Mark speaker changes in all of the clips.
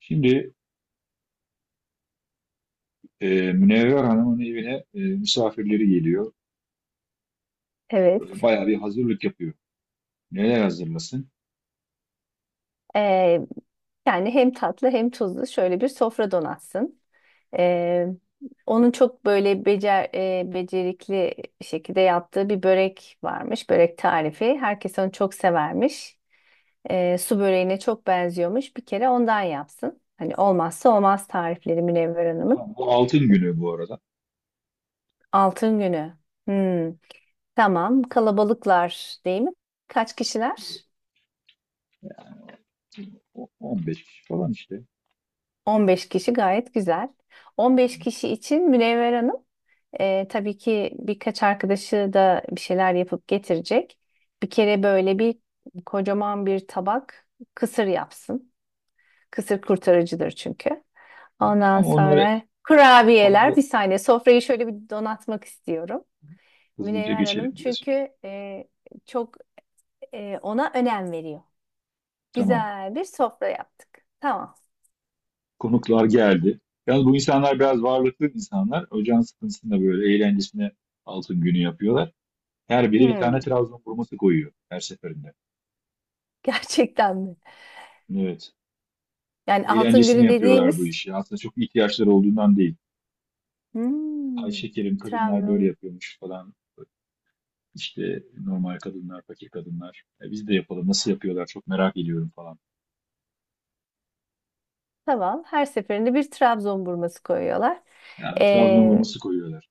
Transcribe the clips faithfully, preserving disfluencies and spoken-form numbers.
Speaker 1: Şimdi e, Münevver Hanım'ın evine e, misafirleri geliyor. Böyle
Speaker 2: Evet.
Speaker 1: bayağı bir hazırlık yapıyor. Neler hazırlasın?
Speaker 2: Ee, yani hem tatlı hem tuzlu şöyle bir sofra donatsın. Ee, onun çok böyle becer, e, becerikli şekilde yaptığı bir börek varmış. Börek tarifi. Herkes onu çok severmiş. Ee, su böreğine çok benziyormuş. Bir kere ondan yapsın. Hani olmazsa olmaz tarifleri Münevver Hanım'ın.
Speaker 1: Tamam, bu altın günü bu arada.
Speaker 2: Altın günü. Hmm, tamam. Kalabalıklar değil mi? Kaç kişiler?
Speaker 1: O- on beş kişi falan işte.
Speaker 2: on beş kişi gayet güzel. on beş kişi için Münevver Hanım. E, tabii ki birkaç arkadaşı da bir şeyler yapıp getirecek. Bir kere böyle bir kocaman bir tabak kısır yapsın. Kısır kurtarıcıdır çünkü. Ondan
Speaker 1: Tamam onları,
Speaker 2: sonra kurabiyeler
Speaker 1: onları
Speaker 2: bir saniye sofrayı şöyle bir donatmak istiyorum.
Speaker 1: hızlıca
Speaker 2: Münevver
Speaker 1: geçelim
Speaker 2: Hanım
Speaker 1: diye. sö-
Speaker 2: çünkü e, çok e, ona önem veriyor.
Speaker 1: Tamam.
Speaker 2: Güzel bir sofra yaptık. Tamam.
Speaker 1: Konuklar geldi. Yalnız bu insanlar biraz varlıklı insanlar. Ocağın sıkıntısında böyle eğlencesine altın günü yapıyorlar. Her biri bir tane
Speaker 2: Hmm,
Speaker 1: Trabzon vurması koyuyor her seferinde.
Speaker 2: gerçekten mi?
Speaker 1: Evet.
Speaker 2: Yani altın
Speaker 1: Eğlencesine
Speaker 2: günü
Speaker 1: yapıyorlar bu
Speaker 2: dediğimiz
Speaker 1: işi. Aslında çok ihtiyaçları olduğundan değil. Ay
Speaker 2: hmm,
Speaker 1: şekerim, kadınlar böyle
Speaker 2: Trabzon.
Speaker 1: yapıyormuş falan. İşte normal kadınlar, fakir kadınlar. E, biz de yapalım. Nasıl yapıyorlar? Çok merak ediyorum falan.
Speaker 2: Tamam. Her seferinde bir Trabzon burması koyuyorlar.
Speaker 1: Yani Trabzon
Speaker 2: Ee,
Speaker 1: vurması koyuyorlar.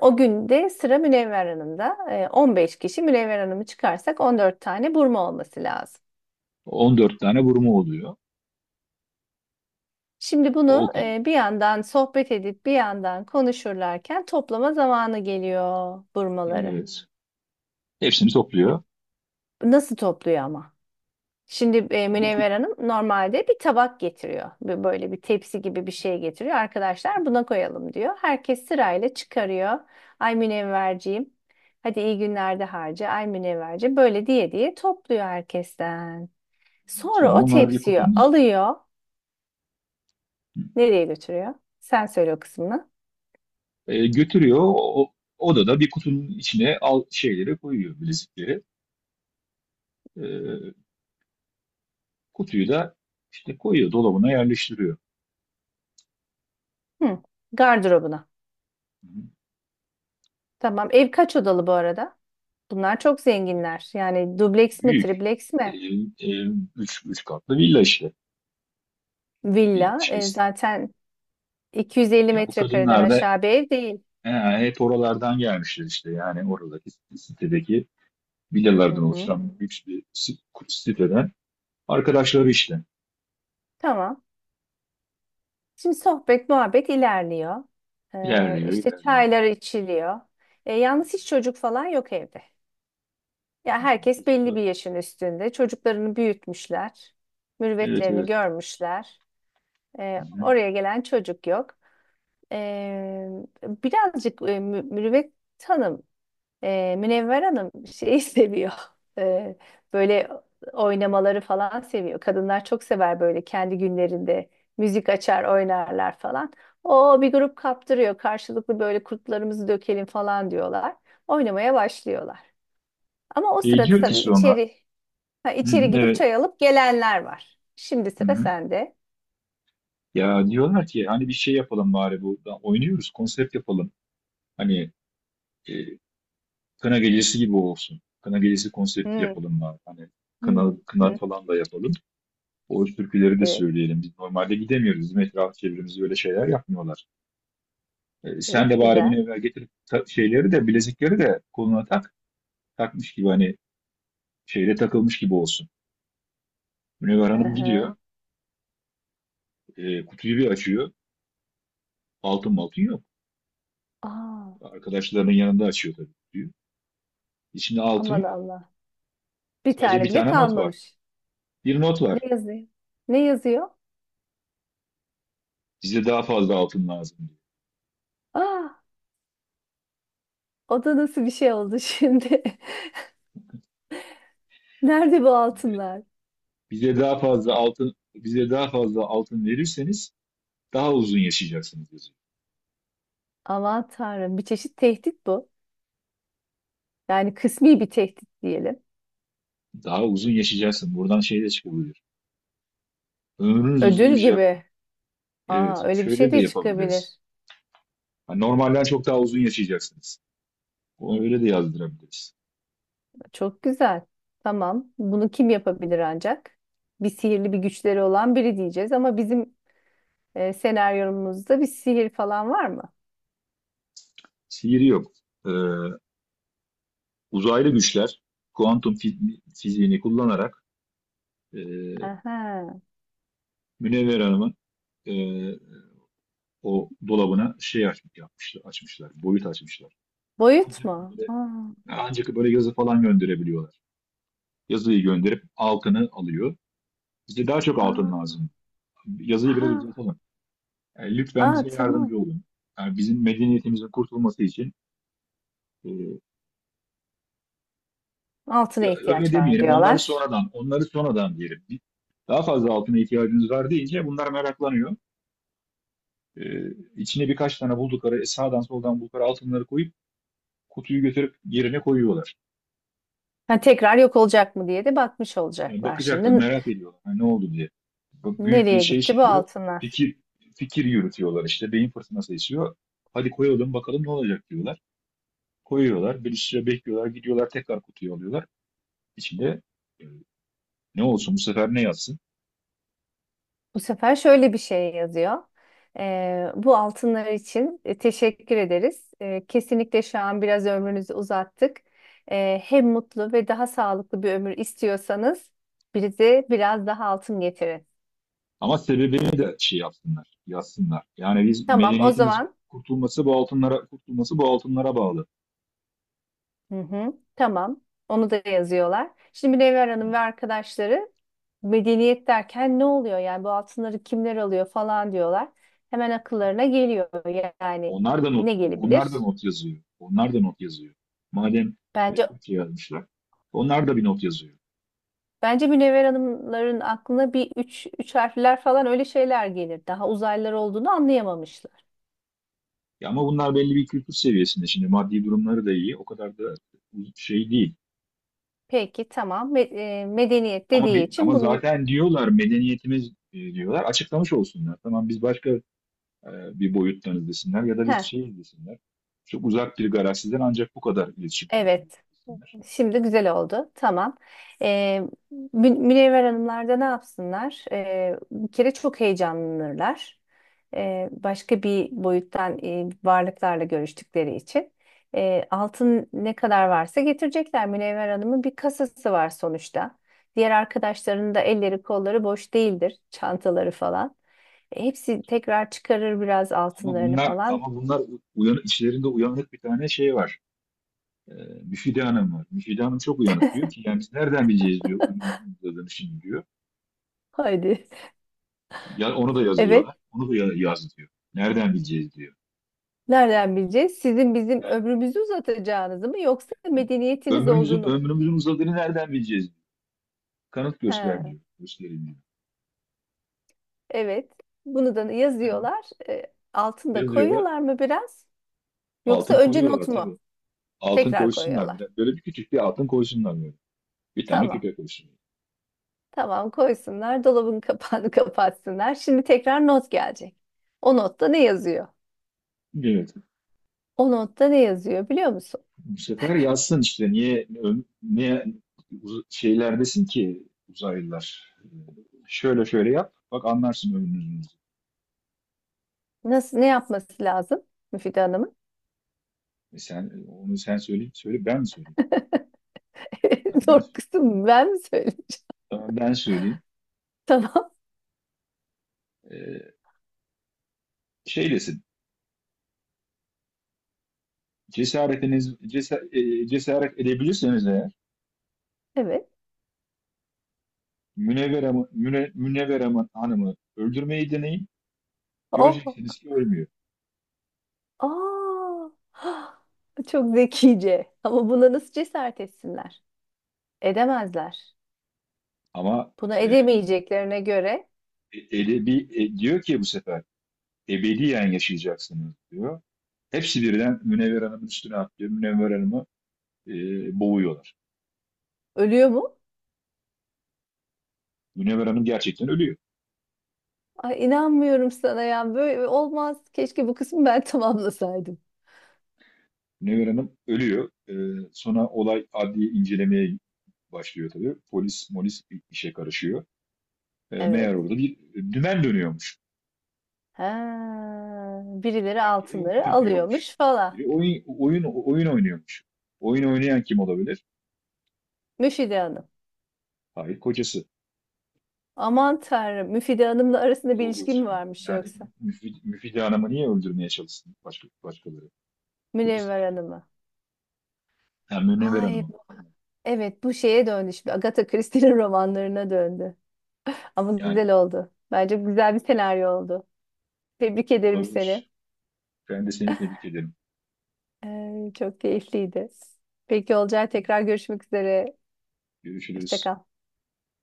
Speaker 2: o gün de sıra Münevver Hanım'da. Ee, on beş kişi Münevver Hanım'ı çıkarsak on dört tane burma olması lazım.
Speaker 1: on dört tane vurma oluyor.
Speaker 2: Şimdi
Speaker 1: O,
Speaker 2: bunu e, bir yandan sohbet edip bir yandan konuşurlarken toplama zamanı geliyor burmaları.
Speaker 1: evet, hepsini
Speaker 2: E,
Speaker 1: topluyor.
Speaker 2: nasıl topluyor ama? Şimdi e,
Speaker 1: Bir kut-
Speaker 2: Münevver Hanım normalde bir tabak getiriyor. Bir- Böyle bir tepsi gibi bir şey getiriyor. Arkadaşlar buna koyalım diyor. Herkes sırayla çıkarıyor. Ay Münevverciğim. Hadi iyi günlerde harca. Ay Münevverci. Böyle diye diye topluyor herkesten. Sonra
Speaker 1: Sonra
Speaker 2: o
Speaker 1: onları bir
Speaker 2: tepsiyi
Speaker 1: kutunun
Speaker 2: alıyor. Nereye götürüyor? Sen söyle o kısmını.
Speaker 1: e, götürüyor. O, o- odada bir kutunun içine al şeyleri koyuyor, bilezikleri. E, Kutuyu da işte koyuyor, dolabına yerleştiriyor.
Speaker 2: Hı, gardırobuna.
Speaker 1: Hı hı.
Speaker 2: Tamam. Ev kaç odalı bu arada? Bunlar çok zenginler. Yani
Speaker 1: E,
Speaker 2: dubleks mi,
Speaker 1: Büyük.
Speaker 2: tripleks
Speaker 1: E,
Speaker 2: mi?
Speaker 1: e, üç, üç katlı villa işte. Bir
Speaker 2: Villa.
Speaker 1: şey.
Speaker 2: E, zaten iki yüz elli
Speaker 1: Ya bu
Speaker 2: metrekareden
Speaker 1: kadınlar da
Speaker 2: aşağı bir ev değil.
Speaker 1: he, hep oralardan gelmişler işte, yani oradaki sitedeki
Speaker 2: Hı
Speaker 1: villalardan
Speaker 2: hı.
Speaker 1: oluşan büyük bir si- siteden arkadaşları işte.
Speaker 2: Tamam. Şimdi sohbet, muhabbet ilerliyor. Ee,
Speaker 1: İlerliyor,
Speaker 2: işte
Speaker 1: ilerliyor.
Speaker 2: çaylar içiliyor. Ee, yalnız hiç çocuk falan yok evde. Ya herkes belli bir yaşın üstünde. Çocuklarını büyütmüşler.
Speaker 1: Evet,
Speaker 2: Mürüvvetlerini
Speaker 1: evet.
Speaker 2: görmüşler. Ee,
Speaker 1: Hı-hı.
Speaker 2: oraya gelen çocuk yok. Ee, birazcık e, mü- mürüvvet tanım. Ee, Münevver Hanım şeyi seviyor. Ee, böyle oynamaları falan seviyor. Kadınlar çok sever böyle kendi günlerinde müzik açar oynarlar falan. O bir grup kaptırıyor. Karşılıklı böyle kurtlarımızı dökelim falan diyorlar. Oynamaya başlıyorlar. Ama o
Speaker 1: E,
Speaker 2: sırada
Speaker 1: diyor ki
Speaker 2: tabii
Speaker 1: sonra,
Speaker 2: içeri ha,
Speaker 1: hı-hı,
Speaker 2: içeri gidip
Speaker 1: evet,
Speaker 2: çay alıp gelenler var. Şimdi sıra
Speaker 1: hı-hı.
Speaker 2: sende.
Speaker 1: Ya diyorlar ki hani bir şey yapalım bari, bu oynuyoruz, konsept yapalım. Hani e, kına gecesi gibi olsun. Kına gecesi konsepti
Speaker 2: Hmm,
Speaker 1: yapalım bari. Hani kına,
Speaker 2: hmm,
Speaker 1: kına
Speaker 2: hmm.
Speaker 1: falan da yapalım. O türküleri de
Speaker 2: Evet,
Speaker 1: söyleyelim. Biz normalde gidemiyoruz. Bizim etraf çevremizi öyle şeyler yapmıyorlar. E, sen de
Speaker 2: evet,
Speaker 1: bari beni
Speaker 2: güzel.
Speaker 1: evvel getir. Ta- şeyleri de, bilezikleri de koluna tak. Takmış gibi hani, şeyle takılmış gibi olsun. Münevver
Speaker 2: Hı
Speaker 1: Hanım
Speaker 2: hı.
Speaker 1: gidiyor. E, kutuyu bir açıyor. Altın maltın yok.
Speaker 2: Aa,
Speaker 1: Arkadaşlarının yanında açıyor tabii kutuyu. İçinde altın
Speaker 2: aman
Speaker 1: yok.
Speaker 2: Allah. Bir
Speaker 1: Sadece
Speaker 2: tane
Speaker 1: bir
Speaker 2: bile
Speaker 1: tane not var.
Speaker 2: kalmamış.
Speaker 1: Bir not
Speaker 2: Ne
Speaker 1: var.
Speaker 2: yazıyor? Ne yazıyor?
Speaker 1: Bize daha fazla altın lazım diyor.
Speaker 2: Aa, o da nasıl bir şey oldu şimdi? Nerede bu altınlar?
Speaker 1: Bize daha fazla altın bize daha fazla altın verirseniz daha uzun yaşayacaksınız yazıyor.
Speaker 2: Aman Tanrım, bir çeşit tehdit bu. Yani kısmi bir tehdit diyelim.
Speaker 1: Daha uzun yaşayacaksın. Buradan şey de çıkabilir. Ömrünüz
Speaker 2: Ödül
Speaker 1: uzayacak mı?
Speaker 2: gibi.
Speaker 1: Evet.
Speaker 2: Aa, öyle bir
Speaker 1: Şöyle
Speaker 2: şey
Speaker 1: de
Speaker 2: de
Speaker 1: yapabiliriz.
Speaker 2: çıkabilir.
Speaker 1: Hani normalden çok daha uzun yaşayacaksınız. Onu öyle de yazdırabiliriz.
Speaker 2: Çok güzel. Tamam. Bunu kim yapabilir ancak? Bir sihirli bir güçleri olan biri diyeceğiz ama bizim e, senaryomuzda bir sihir falan var mı?
Speaker 1: Sihir yok. Ee, Uzaylı güçler kuantum fi- fiziğini kullanarak e,
Speaker 2: Aha.
Speaker 1: Münevver Hanım'ın e, o dolabına şey aç, yapmışlar, açmışlar, boyut açmışlar.
Speaker 2: Boyut
Speaker 1: Ancak
Speaker 2: mu?
Speaker 1: böyle,
Speaker 2: Aa,
Speaker 1: ancak böyle yazı falan gönderebiliyorlar. Yazıyı gönderip altını alıyor. Bize daha çok altın
Speaker 2: aa,
Speaker 1: lazım. Yazıyı
Speaker 2: ha,
Speaker 1: biraz uzatalım. Yani lütfen
Speaker 2: aa,
Speaker 1: bize
Speaker 2: tamam.
Speaker 1: yardımcı olun. Yani bizim medeniyetimizin kurtulması için e,
Speaker 2: Altına
Speaker 1: ya öyle
Speaker 2: ihtiyaç var
Speaker 1: demeyelim. Onları
Speaker 2: diyorlar.
Speaker 1: sonradan, onları sonradan diyelim. Bir- Daha fazla altına ihtiyacınız var deyince bunlar meraklanıyor. E, içine birkaç tane buldukları, e, sağdan soldan buldukları altınları koyup kutuyu götürüp yerine koyuyorlar.
Speaker 2: Ha, tekrar yok olacak mı diye de bakmış
Speaker 1: Yani
Speaker 2: olacaklar.
Speaker 1: bakacaklar,
Speaker 2: Şimdi N-
Speaker 1: merak ediyorlar. Yani ne oldu diye. Bu büyük bir
Speaker 2: nereye
Speaker 1: şey
Speaker 2: gitti bu
Speaker 1: çıkıyor.
Speaker 2: altınlar?
Speaker 1: Fikir fikir yürütüyorlar işte. Beyin fırtınası esiyor. Hadi koyalım bakalım ne olacak diyorlar. Koyuyorlar. Bir süre bekliyorlar. Gidiyorlar, tekrar kutuyu alıyorlar. İçinde e, ne olsun bu sefer, ne yazsın?
Speaker 2: Bu sefer şöyle bir şey yazıyor. Ee, bu altınlar için e, teşekkür ederiz. Ee, kesinlikle şu an biraz ömrünüzü uzattık. Ee, hem mutlu ve daha sağlıklı bir ömür istiyorsanız bize biraz daha altın getirin.
Speaker 1: Ama sebebini de şey yapsınlar, yazsınlar. Yani biz,
Speaker 2: Tamam, o
Speaker 1: medeniyetimiz
Speaker 2: zaman.
Speaker 1: kurtulması bu altınlara kurtulması bu altınlara bağlı.
Speaker 2: Hı hı. Tamam. Onu da yazıyorlar. Şimdi Münevver Hanım ve arkadaşları medeniyet derken ne oluyor yani bu altınları kimler alıyor falan diyorlar. Hemen akıllarına geliyor yani
Speaker 1: Onlar da not,
Speaker 2: ne
Speaker 1: onlar da
Speaker 2: gelebilir?
Speaker 1: not yazıyor. Onlar da not yazıyor. Madem e,
Speaker 2: Bence
Speaker 1: Türkiye yazmışlar, onlar da bir not yazıyor.
Speaker 2: bence Münevver Hanımların aklına bir üç, üç harfler falan öyle şeyler gelir. Daha uzaylılar olduğunu anlayamamışlar.
Speaker 1: Ya ama bunlar belli bir kültür seviyesinde. Şimdi maddi durumları da iyi, o kadar da şey değil.
Speaker 2: Peki tamam. Me- e, medeniyet
Speaker 1: Ama
Speaker 2: dediği için
Speaker 1: ama
Speaker 2: bunun.
Speaker 1: zaten diyorlar medeniyetimiz e, diyorlar. Açıklamış olsunlar. Tamam, biz başka e, bir boyuttan izlesinler ya da biz
Speaker 2: Heh,
Speaker 1: şey izlesinler. Çok uzak bir galaksiden ancak bu kadar iletişim
Speaker 2: evet.
Speaker 1: kurabiliyorlar.
Speaker 2: Şimdi güzel oldu. Tamam. Ee, Mü- Münevver Hanımlar da ne yapsınlar? Ee, bir kere çok heyecanlanırlar. Ee, başka bir boyuttan e, varlıklarla görüştükleri için. Ee, altın ne kadar varsa getirecekler. Münevver Hanım'ın bir kasası var sonuçta. Diğer arkadaşlarının da elleri kolları boş değildir. Çantaları falan. E, hepsi tekrar çıkarır biraz
Speaker 1: Ama
Speaker 2: altınlarını
Speaker 1: bunlar
Speaker 2: falan.
Speaker 1: ama bunlar uyan, içlerinde uyanık bir tane şey var. E, Müfide Hanım var. Müfide Hanım çok uyanık, diyor ki yani biz nereden bileceğiz diyor, ürünün şimdi diyor.
Speaker 2: Haydi.
Speaker 1: Ya, onu da
Speaker 2: Evet.
Speaker 1: yazıyorlar. Onu da ya- yaz diyor. Nereden bileceğiz diyor.
Speaker 2: Nereden bileceğiz? Sizin bizim
Speaker 1: Yani,
Speaker 2: ömrümüzü uzatacağınızı mı yoksa medeniyetiniz
Speaker 1: ömrümüzün
Speaker 2: olduğunu mu?
Speaker 1: ömrümüzün uzadığını nereden bileceğiz diyor. Kanıt göster
Speaker 2: He,
Speaker 1: diyor. Gösterin diyor.
Speaker 2: evet. Bunu da
Speaker 1: Tamam.
Speaker 2: yazıyorlar. E, altında
Speaker 1: Yazıyorlar.
Speaker 2: koyuyorlar mı biraz? Yoksa
Speaker 1: Altın
Speaker 2: önce not
Speaker 1: koyuyorlar
Speaker 2: mu?
Speaker 1: tabii. Altın
Speaker 2: Tekrar
Speaker 1: koysunlar bir
Speaker 2: koyuyorlar.
Speaker 1: de. Böyle bir küçük bir altın koysunlar böyle. Bir tane
Speaker 2: Tamam.
Speaker 1: küpe koysunlar.
Speaker 2: Tamam koysunlar. Dolabın kapağını kapatsınlar. Şimdi tekrar not gelecek. O notta ne yazıyor?
Speaker 1: Evet.
Speaker 2: O notta ne yazıyor biliyor musun?
Speaker 1: Bu sefer yazsın işte, niye niye uz- şeylerdesin ki uzaylılar. Ee, Şöyle şöyle yap. Bak, anlarsın ömrünüzü.
Speaker 2: Nasıl ne yapması lazım Müfide Hanım'ın?
Speaker 1: E sen onu sen söyle, söyle ben mi söyleyeyim? Tamam, Ben
Speaker 2: Zor kısım ben mi söyleyeyim?
Speaker 1: tamam, ben söyleyeyim.
Speaker 2: Tamam.
Speaker 1: Ee, Şey desin. Cesaretiniz cesa- e, cesaret edebilirseniz eğer
Speaker 2: Evet.
Speaker 1: Münevver Hanım- Müne- Münevver Hanım'ı öldürmeyi deneyin.
Speaker 2: Oh.
Speaker 1: Göreceksiniz ki ölmüyor.
Speaker 2: Aa, çok zekice. Ama buna nasıl cesaret etsinler? Edemezler.
Speaker 1: Ama
Speaker 2: Buna
Speaker 1: e,
Speaker 2: edemeyeceklerine göre
Speaker 1: E- Edebi, e, diyor ki bu sefer ebediyen yaşayacaksınız diyor. Hepsi birden Münevver Hanım'ın üstüne atlıyor. Münevver Hanım'ı e, boğuyorlar.
Speaker 2: ölüyor mu?
Speaker 1: Münevver Hanım gerçekten ölüyor.
Speaker 2: Ay inanmıyorum sana ya. Böyle olmaz. Keşke bu kısmı ben tamamlasaydım.
Speaker 1: Münevver Hanım ölüyor. E, sonra olay adli incelemeye başlıyor tabii. Polis molis bir işe karışıyor. E, meğer
Speaker 2: Evet.
Speaker 1: orada bir dümen dönüyormuş.
Speaker 2: Ha, birileri
Speaker 1: Yani biri
Speaker 2: altınları
Speaker 1: oyun yapıyormuş.
Speaker 2: alıyormuş falan.
Speaker 1: Biri oyun, oyun, oyun oynuyormuş. Oyun oynayan kim olabilir?
Speaker 2: Müfide Hanım.
Speaker 1: Hayır, kocası.
Speaker 2: Aman Tanrım. Müfide Hanım'la arasında bir
Speaker 1: Olduğu
Speaker 2: ilişki mi
Speaker 1: çıkıyor.
Speaker 2: varmış
Speaker 1: Yani
Speaker 2: yoksa?
Speaker 1: Müfid, Müfide Hanım'ı niye öldürmeye çalışsın başka, başkaları? Kocası
Speaker 2: Münevver
Speaker 1: çıkıyor.
Speaker 2: Hanım'a.
Speaker 1: Hem Münevver
Speaker 2: Ay
Speaker 1: Hanım'ı.
Speaker 2: evet bu şeye döndü şimdi. Agatha Christie'nin romanlarına döndü. Ama
Speaker 1: Yani
Speaker 2: güzel oldu. Bence güzel bir
Speaker 1: evet,
Speaker 2: senaryo oldu. Tebrik ederim seni.
Speaker 1: olabilir. Ben de seni tebrik ederim.
Speaker 2: Ee, çok keyifliydi. Peki Olcay tekrar görüşmek üzere. Hoşça
Speaker 1: Görüşürüz.
Speaker 2: kal.